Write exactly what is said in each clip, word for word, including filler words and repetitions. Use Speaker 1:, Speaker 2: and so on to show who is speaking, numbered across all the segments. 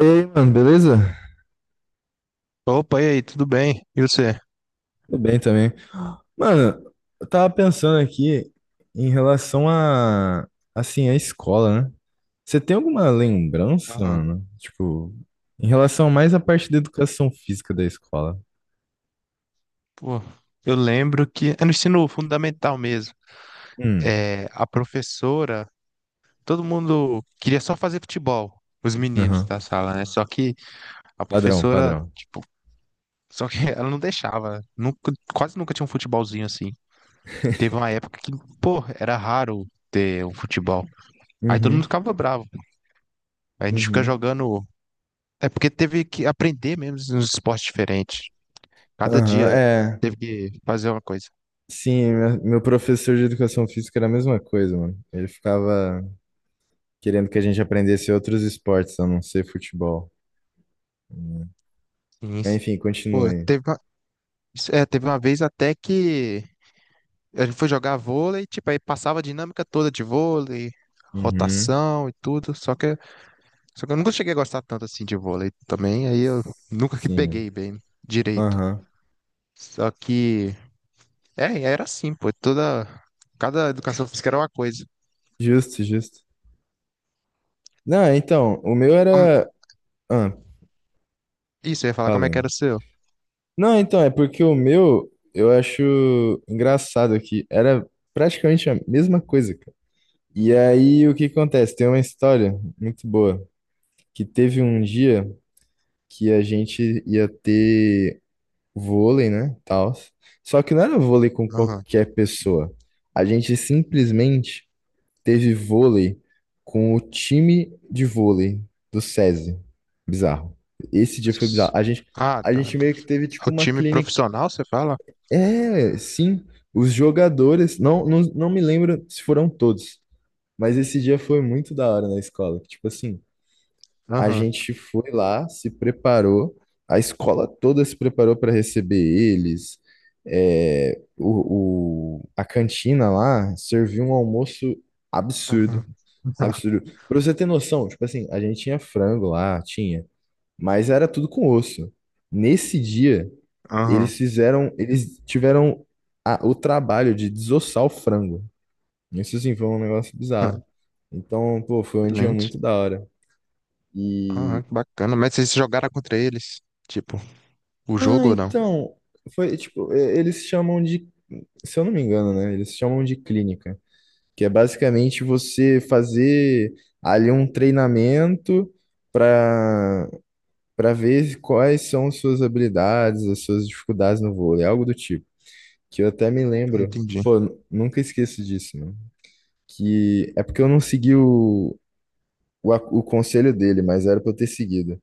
Speaker 1: E aí, mano, beleza?
Speaker 2: Opa, e aí, tudo bem? E você?
Speaker 1: Tudo bem também. Mano, eu tava pensando aqui em relação a, assim, a escola, né? Você tem alguma lembrança,
Speaker 2: Aham.
Speaker 1: mano? Tipo, em relação mais à parte da educação física da escola.
Speaker 2: Pô, eu lembro que é no ensino fundamental mesmo.
Speaker 1: Hum,
Speaker 2: É, a professora, todo mundo queria só fazer futebol, os meninos
Speaker 1: aham.
Speaker 2: da sala, né? Só que a
Speaker 1: Padrão,
Speaker 2: professora,
Speaker 1: padrão.
Speaker 2: tipo, só que ela não deixava. Nunca, quase nunca tinha um futebolzinho assim. Teve uma época que, pô, era raro ter um futebol. Aí todo mundo
Speaker 1: Uhum,
Speaker 2: ficava bravo. Aí a gente fica
Speaker 1: uhum.
Speaker 2: jogando. É porque teve que aprender mesmo nos esportes diferentes. Cada
Speaker 1: Aham,
Speaker 2: dia
Speaker 1: é.
Speaker 2: teve que fazer uma coisa.
Speaker 1: Sim, meu meu professor de educação física era a mesma coisa, mano. Ele ficava querendo que a gente aprendesse outros esportes, a não ser futebol.
Speaker 2: Sim.
Speaker 1: Mas, enfim,
Speaker 2: Pô,
Speaker 1: continue.
Speaker 2: teve uma, isso- é, teve uma vez até que a gente foi jogar vôlei, tipo, aí passava a dinâmica toda de vôlei,
Speaker 1: Uhum.
Speaker 2: rotação e tudo, só que, só que eu nunca cheguei a gostar tanto assim de vôlei também, aí eu nunca que
Speaker 1: Sim.
Speaker 2: peguei bem direito.
Speaker 1: Aham.
Speaker 2: Só que, é, era assim, pô, toda, cada educação física era uma coisa.
Speaker 1: Justo, justo. Não, então, o meu
Speaker 2: Como-
Speaker 1: era. Ah,
Speaker 2: isso, eu ia falar como é que
Speaker 1: falei.
Speaker 2: era o seu.
Speaker 1: Não, então, é porque o meu eu acho engraçado que era praticamente a mesma coisa, cara. E aí o que acontece? Tem uma história muito boa que teve um dia que a gente ia ter vôlei, né? Tal. Só que não era vôlei com
Speaker 2: Aham.
Speaker 1: qualquer pessoa. A gente simplesmente teve vôlei com o time de vôlei do SESI. Bizarro. Esse dia foi
Speaker 2: Os-
Speaker 1: bizarro. A gente,
Speaker 2: Ah,
Speaker 1: a
Speaker 2: tá,
Speaker 1: gente
Speaker 2: tá.
Speaker 1: meio que teve tipo
Speaker 2: O
Speaker 1: uma
Speaker 2: time
Speaker 1: clínica.
Speaker 2: profissional, você fala?
Speaker 1: É, sim, os jogadores. Não, não, não me lembro se foram todos, mas esse dia foi muito da hora na escola. Que, tipo assim, a
Speaker 2: Aham.
Speaker 1: gente foi lá, se preparou, a escola toda se preparou para receber eles. É, o, o, a cantina lá serviu um almoço
Speaker 2: Aham.
Speaker 1: absurdo. Absurdo. Pra você ter noção, tipo assim, a gente tinha frango lá, tinha, mas era tudo com osso. Nesse dia,
Speaker 2: Aham.
Speaker 1: eles fizeram, eles tiveram a- o trabalho de desossar o frango. Isso assim foi um negócio bizarro. Então, pô, foi um dia
Speaker 2: Excelente.
Speaker 1: muito da hora.
Speaker 2: Ah, que bacana. Mas vocês jogaram contra eles? Tipo, o
Speaker 1: Ah,
Speaker 2: jogo ou não?
Speaker 1: então, foi tipo, e- eles chamam de, se eu não me engano, né? Eles chamam de clínica, que é basicamente você fazer ali um treinamento para para ver quais são suas habilidades, as suas dificuldades no vôlei, algo do tipo. Que eu até me lembro,
Speaker 2: Entendi.
Speaker 1: pô, n- nunca esqueço disso, mano. Que é porque eu não segui o, o, a- o conselho dele, mas era pra eu ter seguido.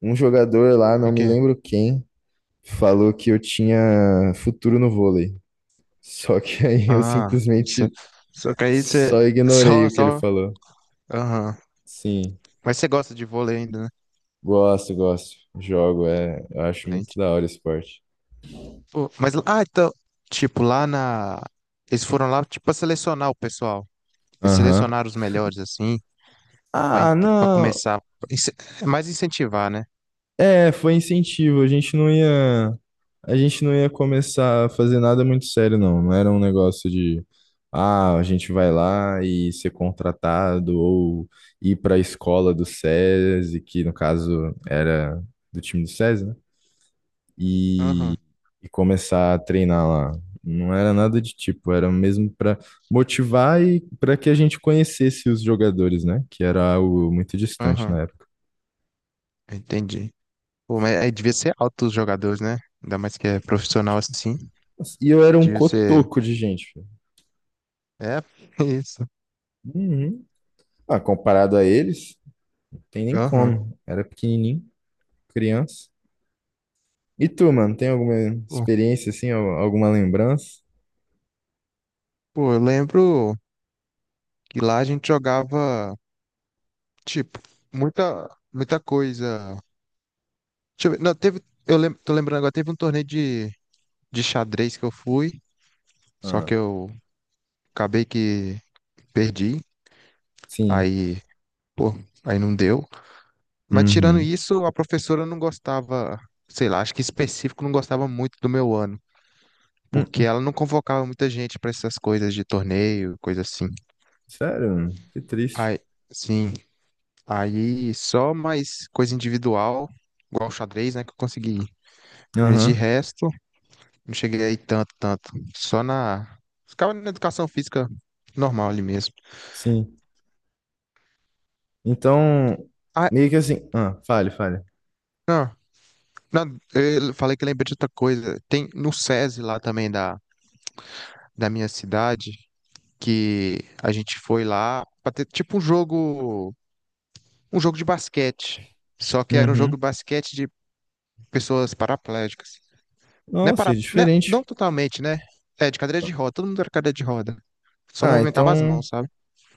Speaker 1: Um jogador lá,
Speaker 2: De
Speaker 1: não me
Speaker 2: quê?
Speaker 1: lembro quem, falou que eu tinha futuro no vôlei. Só que aí eu
Speaker 2: Ah, isso, é.
Speaker 1: simplesmente
Speaker 2: Só que aí você.
Speaker 1: só ignorei
Speaker 2: Só,
Speaker 1: o que ele
Speaker 2: só.
Speaker 1: falou.
Speaker 2: Aham.
Speaker 1: Sim,
Speaker 2: Mas você gosta de vôlei ainda, né?
Speaker 1: gosto, gosto. Jogo, é, eu acho muito
Speaker 2: Excelente.
Speaker 1: da hora o esporte.
Speaker 2: Pô, mas, ah, então. Tipo, lá na. Eles foram lá, tipo, pra selecionar o pessoal. Eles
Speaker 1: Aham.
Speaker 2: selecionaram os melhores, assim, pra, en-
Speaker 1: Ah,
Speaker 2: pra
Speaker 1: não.
Speaker 2: começar. Ince- É mais incentivar, né?
Speaker 1: É, foi incentivo. A gente não ia, a gente não ia começar a fazer nada muito sério, não. Não era um negócio de, ah, a gente vai lá e ser contratado ou ir para a escola do SESI, que no caso era do time do SESI, né?
Speaker 2: Aham,
Speaker 1: E começar a treinar lá. Não era nada de tipo, era mesmo para motivar e para que a gente conhecesse os jogadores, né? Que era algo muito distante
Speaker 2: aham,
Speaker 1: na época.
Speaker 2: entendi. Pô, mas aí devia ser alto os jogadores, né? Ainda mais que é profissional assim.
Speaker 1: E eu era um
Speaker 2: Devia ser.
Speaker 1: cotoco de gente, filho.
Speaker 2: É, isso.
Speaker 1: Uhum. Ah, comparado a eles, não tem nem
Speaker 2: Aham.
Speaker 1: como. Era pequenininho, criança. E tu, mano, tem alguma
Speaker 2: Pô,
Speaker 1: experiência assim, al- alguma lembrança?
Speaker 2: pô, eu lembro que lá a gente jogava, tipo, muita, muita coisa. Deixa eu ver. Não, teve, eu lem- tô lembrando agora, teve um torneio de, de xadrez que eu fui, só
Speaker 1: Ah,
Speaker 2: que eu acabei que perdi,
Speaker 1: sim.
Speaker 2: aí, pô, aí não deu. Mas tirando
Speaker 1: Uhum.
Speaker 2: isso, a professora não gostava, sei lá, acho que específico não gostava muito do meu ano, porque
Speaker 1: Uhum.
Speaker 2: ela não convocava muita gente pra essas coisas de torneio, coisa assim.
Speaker 1: Sério, mano? Que triste.
Speaker 2: Aí, sim, aí só mais coisa individual, igual xadrez, né, que eu consegui ir. Mas de
Speaker 1: Aham,
Speaker 2: resto, não cheguei aí tanto, tanto. Só na. Ficava na educação física normal ali mesmo.
Speaker 1: sim. Então,
Speaker 2: Ah,
Speaker 1: meio que assim. Ah, fale, fale.
Speaker 2: não, não, eu falei que lembrei de outra coisa. Tem no SESI lá também da, da minha cidade, que a gente foi lá pra ter tipo um jogo, um jogo de basquete. Só que era um jogo
Speaker 1: Uhum.
Speaker 2: de basquete de pessoas paraplégicas. Não é
Speaker 1: Nossa, é
Speaker 2: para, né, não
Speaker 1: diferente.
Speaker 2: totalmente, né? É, de cadeira de roda, todo mundo era cadeira de roda. Só
Speaker 1: Ah,
Speaker 2: movimentava as
Speaker 1: então.
Speaker 2: mãos, sabe?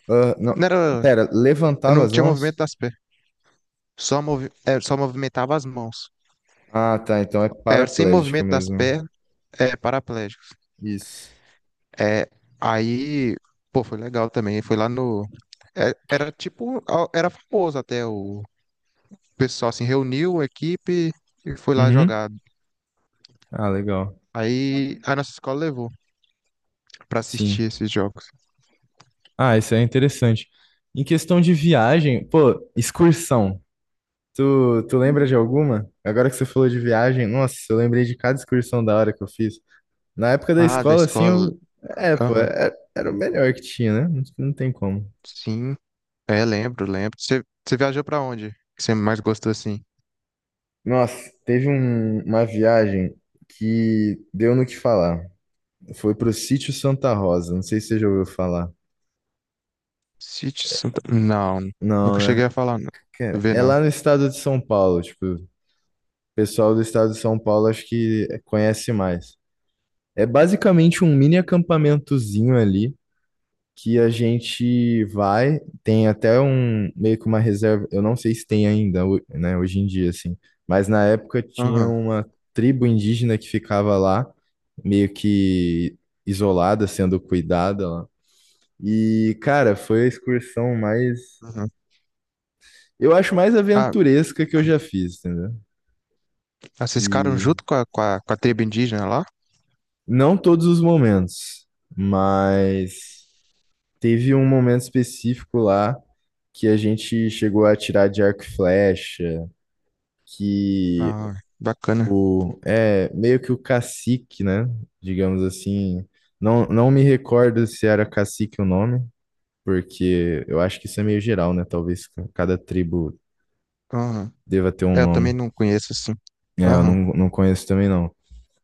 Speaker 1: Ah,
Speaker 2: Não
Speaker 1: não.
Speaker 2: era,
Speaker 1: Pera, levantava
Speaker 2: não
Speaker 1: as
Speaker 2: tinha movimento
Speaker 1: mãos?
Speaker 2: das pernas. Só, movi é, só movimentava as mãos.
Speaker 1: Ah, tá. Então é
Speaker 2: É, sem
Speaker 1: paraplégica
Speaker 2: movimento das
Speaker 1: mesmo.
Speaker 2: pernas, é paraplégico.
Speaker 1: Isso.
Speaker 2: É, aí, pô, foi legal também. Foi lá no. É, era tipo. a- Era famoso até o pessoal, assim, reuniu a equipe e foi lá
Speaker 1: Uhum.
Speaker 2: jogar.
Speaker 1: Ah, legal.
Speaker 2: Aí a nossa escola levou pra assistir
Speaker 1: Sim.
Speaker 2: esses jogos.
Speaker 1: Ah, isso é interessante. Em questão de viagem, pô, excursão. Tu, tu lembra de alguma? Agora que você falou de viagem, nossa, eu lembrei de cada excursão da hora que eu fiz. Na época da
Speaker 2: Ah, da
Speaker 1: escola, assim,
Speaker 2: escola.
Speaker 1: eu. É, pô,
Speaker 2: Aham.
Speaker 1: é- era, o melhor que tinha, né? Não, não tem como.
Speaker 2: Sim. É, lembro, lembro. Você você viajou pra onde? Que você mais gostou assim?
Speaker 1: Nossa, teve um- uma viagem que deu no que falar. Foi pro Sítio Santa Rosa. Não sei se você já ouviu falar.
Speaker 2: Sítio Santa. Não,
Speaker 1: Não,
Speaker 2: nunca
Speaker 1: né?
Speaker 2: cheguei a falar, não.
Speaker 1: Cara,
Speaker 2: Ver,
Speaker 1: é
Speaker 2: não.
Speaker 1: lá no estado de São Paulo. Tipo, o pessoal do estado de São Paulo acho que conhece mais. É basicamente um mini acampamentozinho ali que a gente vai, tem até um meio que uma reserva, eu não sei se tem ainda, ho- né, hoje em dia assim, mas na época tinha
Speaker 2: Aham,
Speaker 1: uma tribo indígena que ficava lá, meio que isolada, sendo cuidada lá. E cara, foi a excursão mais,
Speaker 2: aham.
Speaker 1: eu acho mais
Speaker 2: Ah,
Speaker 1: aventuresca que eu já fiz, entendeu?
Speaker 2: Ah, vocês ficaram
Speaker 1: Que
Speaker 2: junto com a, com a, com a tribo indígena lá?
Speaker 1: não todos os momentos, mas teve um momento específico lá que a gente chegou a tirar de arco e flecha, que
Speaker 2: Ah, bacana.
Speaker 1: o é meio que o cacique, né? Digamos assim, não, não me recordo se era cacique o nome, porque eu acho que isso é meio geral, né? Talvez cada tribo
Speaker 2: Aham.
Speaker 1: deva ter um
Speaker 2: É, eu também
Speaker 1: nome.
Speaker 2: não conheço assim.
Speaker 1: É, eu não,
Speaker 2: Aham.
Speaker 1: não conheço também não.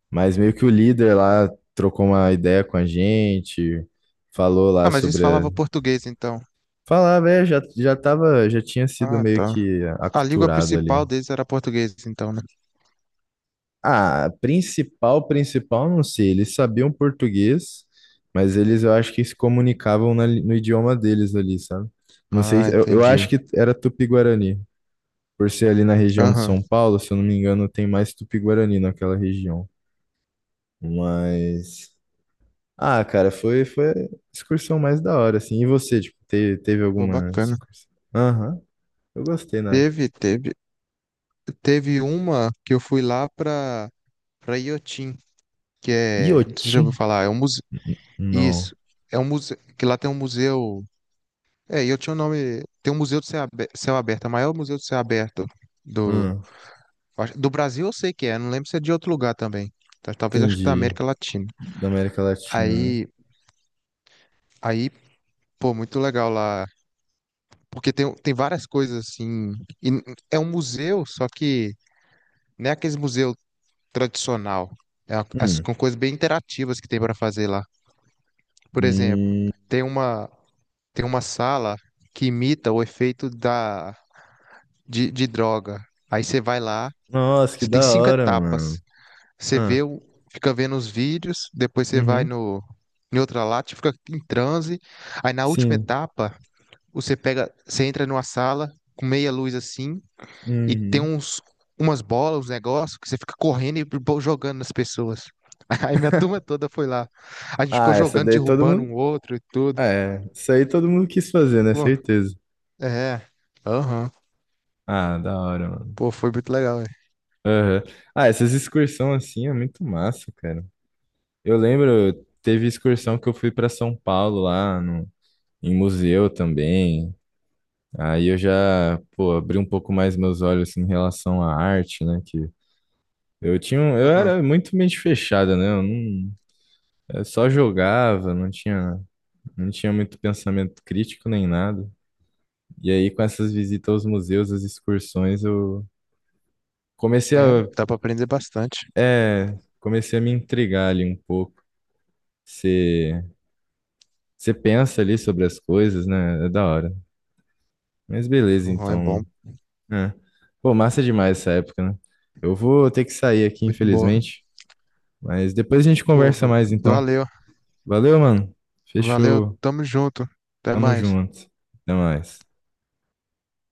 Speaker 1: Mas meio que o líder lá trocou uma ideia com a gente, falou
Speaker 2: Ah,
Speaker 1: lá
Speaker 2: mas eles
Speaker 1: sobre a-
Speaker 2: falavam português então.
Speaker 1: Falar, velho, já, já tava, já tinha sido
Speaker 2: Ah,
Speaker 1: meio
Speaker 2: tá.
Speaker 1: que
Speaker 2: A língua
Speaker 1: aculturado ali.
Speaker 2: principal deles era português então, né?
Speaker 1: Ah, principal, principal, não sei, eles sabiam português, mas eles, eu acho que se comunicavam na li- no idioma deles ali, sabe? Não sei,
Speaker 2: Ah,
Speaker 1: eu, eu
Speaker 2: entendi.
Speaker 1: acho que era Tupi-Guarani, por ser ali na região de
Speaker 2: Aham.
Speaker 1: São Paulo, se eu não me engano, tem mais Tupi-Guarani naquela região. Mas, ah, cara, foi, foi a excursão mais da hora, assim. E você, tipo, teve, teve
Speaker 2: Pô,
Speaker 1: alguma
Speaker 2: bacana.
Speaker 1: excursão? Aham, eu gostei, né?
Speaker 2: Teve, teve, teve uma que eu fui lá pra, pra Iotim, que é, não sei se você já
Speaker 1: Iotim?
Speaker 2: ouviu falar, é um museu,
Speaker 1: Não.
Speaker 2: isso, é um museu, que lá tem um museu, é, Iotim é o nome, tem um museu de céu abe- céu aberto, é o maior museu de céu aberto do.
Speaker 1: Hum,
Speaker 2: Eu Acho- Do Brasil eu sei que é, não lembro se é de outro lugar também. Tá- Talvez acho que da
Speaker 1: entendi.
Speaker 2: América Latina.
Speaker 1: Da América Latina, né?
Speaker 2: Aí, aí, pô, muito legal lá. Porque tem, tem várias coisas assim. E n- É um museu, só que não é aquele museu tradicional. É uma- as,
Speaker 1: Hum.
Speaker 2: com coisas bem interativas que tem para fazer lá. Por exemplo,
Speaker 1: Hum.
Speaker 2: tem uma, tem uma sala que imita o efeito da, de, de droga. Aí você vai lá,
Speaker 1: Nossa, que
Speaker 2: você tem
Speaker 1: da
Speaker 2: cinco
Speaker 1: hora, mano.
Speaker 2: etapas. Você
Speaker 1: Ah,
Speaker 2: vê, o- Fica vendo os vídeos, depois você vai
Speaker 1: uhum.
Speaker 2: no, em outra lata, fica em transe. Aí na última
Speaker 1: Sim.
Speaker 2: etapa, você pega, você entra numa sala com meia luz assim, e tem
Speaker 1: Uhum.
Speaker 2: uns, umas bolas, uns negócios, que você fica correndo e bo- jogando nas pessoas. Aí minha turma toda foi lá. A gente
Speaker 1: Ah,
Speaker 2: ficou
Speaker 1: essa
Speaker 2: jogando,
Speaker 1: daí todo
Speaker 2: derrubando
Speaker 1: mundo.
Speaker 2: um outro e tudo.
Speaker 1: Ah, é, isso aí todo mundo quis fazer, né?
Speaker 2: Pô,
Speaker 1: Certeza.
Speaker 2: é. Aham.
Speaker 1: Ah, da hora, mano.
Speaker 2: Pô, foi muito legal, velho.
Speaker 1: Aham. Ah, essas excursões assim é muito massa, cara. Eu lembro, teve excursão que eu fui pra São Paulo lá no, em museu também. Aí eu já, pô, abri um pouco mais meus olhos assim, em relação à arte, né? Eu tinha, um- eu
Speaker 2: Aham.
Speaker 1: era muito mente fechada, né? Eu não, eu só jogava, não tinha, não tinha muito pensamento crítico nem nada. E aí, com essas visitas aos museus, as excursões, eu comecei
Speaker 2: É,
Speaker 1: a,
Speaker 2: dá pra aprender bastante.
Speaker 1: é, comecei a me intrigar ali um pouco. Você, você pensa ali sobre as coisas, né? É da hora. Mas beleza,
Speaker 2: Aham, é bom.
Speaker 1: então. É. Pô, massa demais essa época, né? Eu vou ter que sair aqui,
Speaker 2: Muito boa.
Speaker 1: infelizmente. Mas depois a gente
Speaker 2: Pô,
Speaker 1: conversa
Speaker 2: v-
Speaker 1: mais, então.
Speaker 2: valeu.
Speaker 1: Valeu, mano.
Speaker 2: Valeu,
Speaker 1: Fechou.
Speaker 2: tamo junto. Até
Speaker 1: Tamo
Speaker 2: mais.
Speaker 1: junto. Até mais.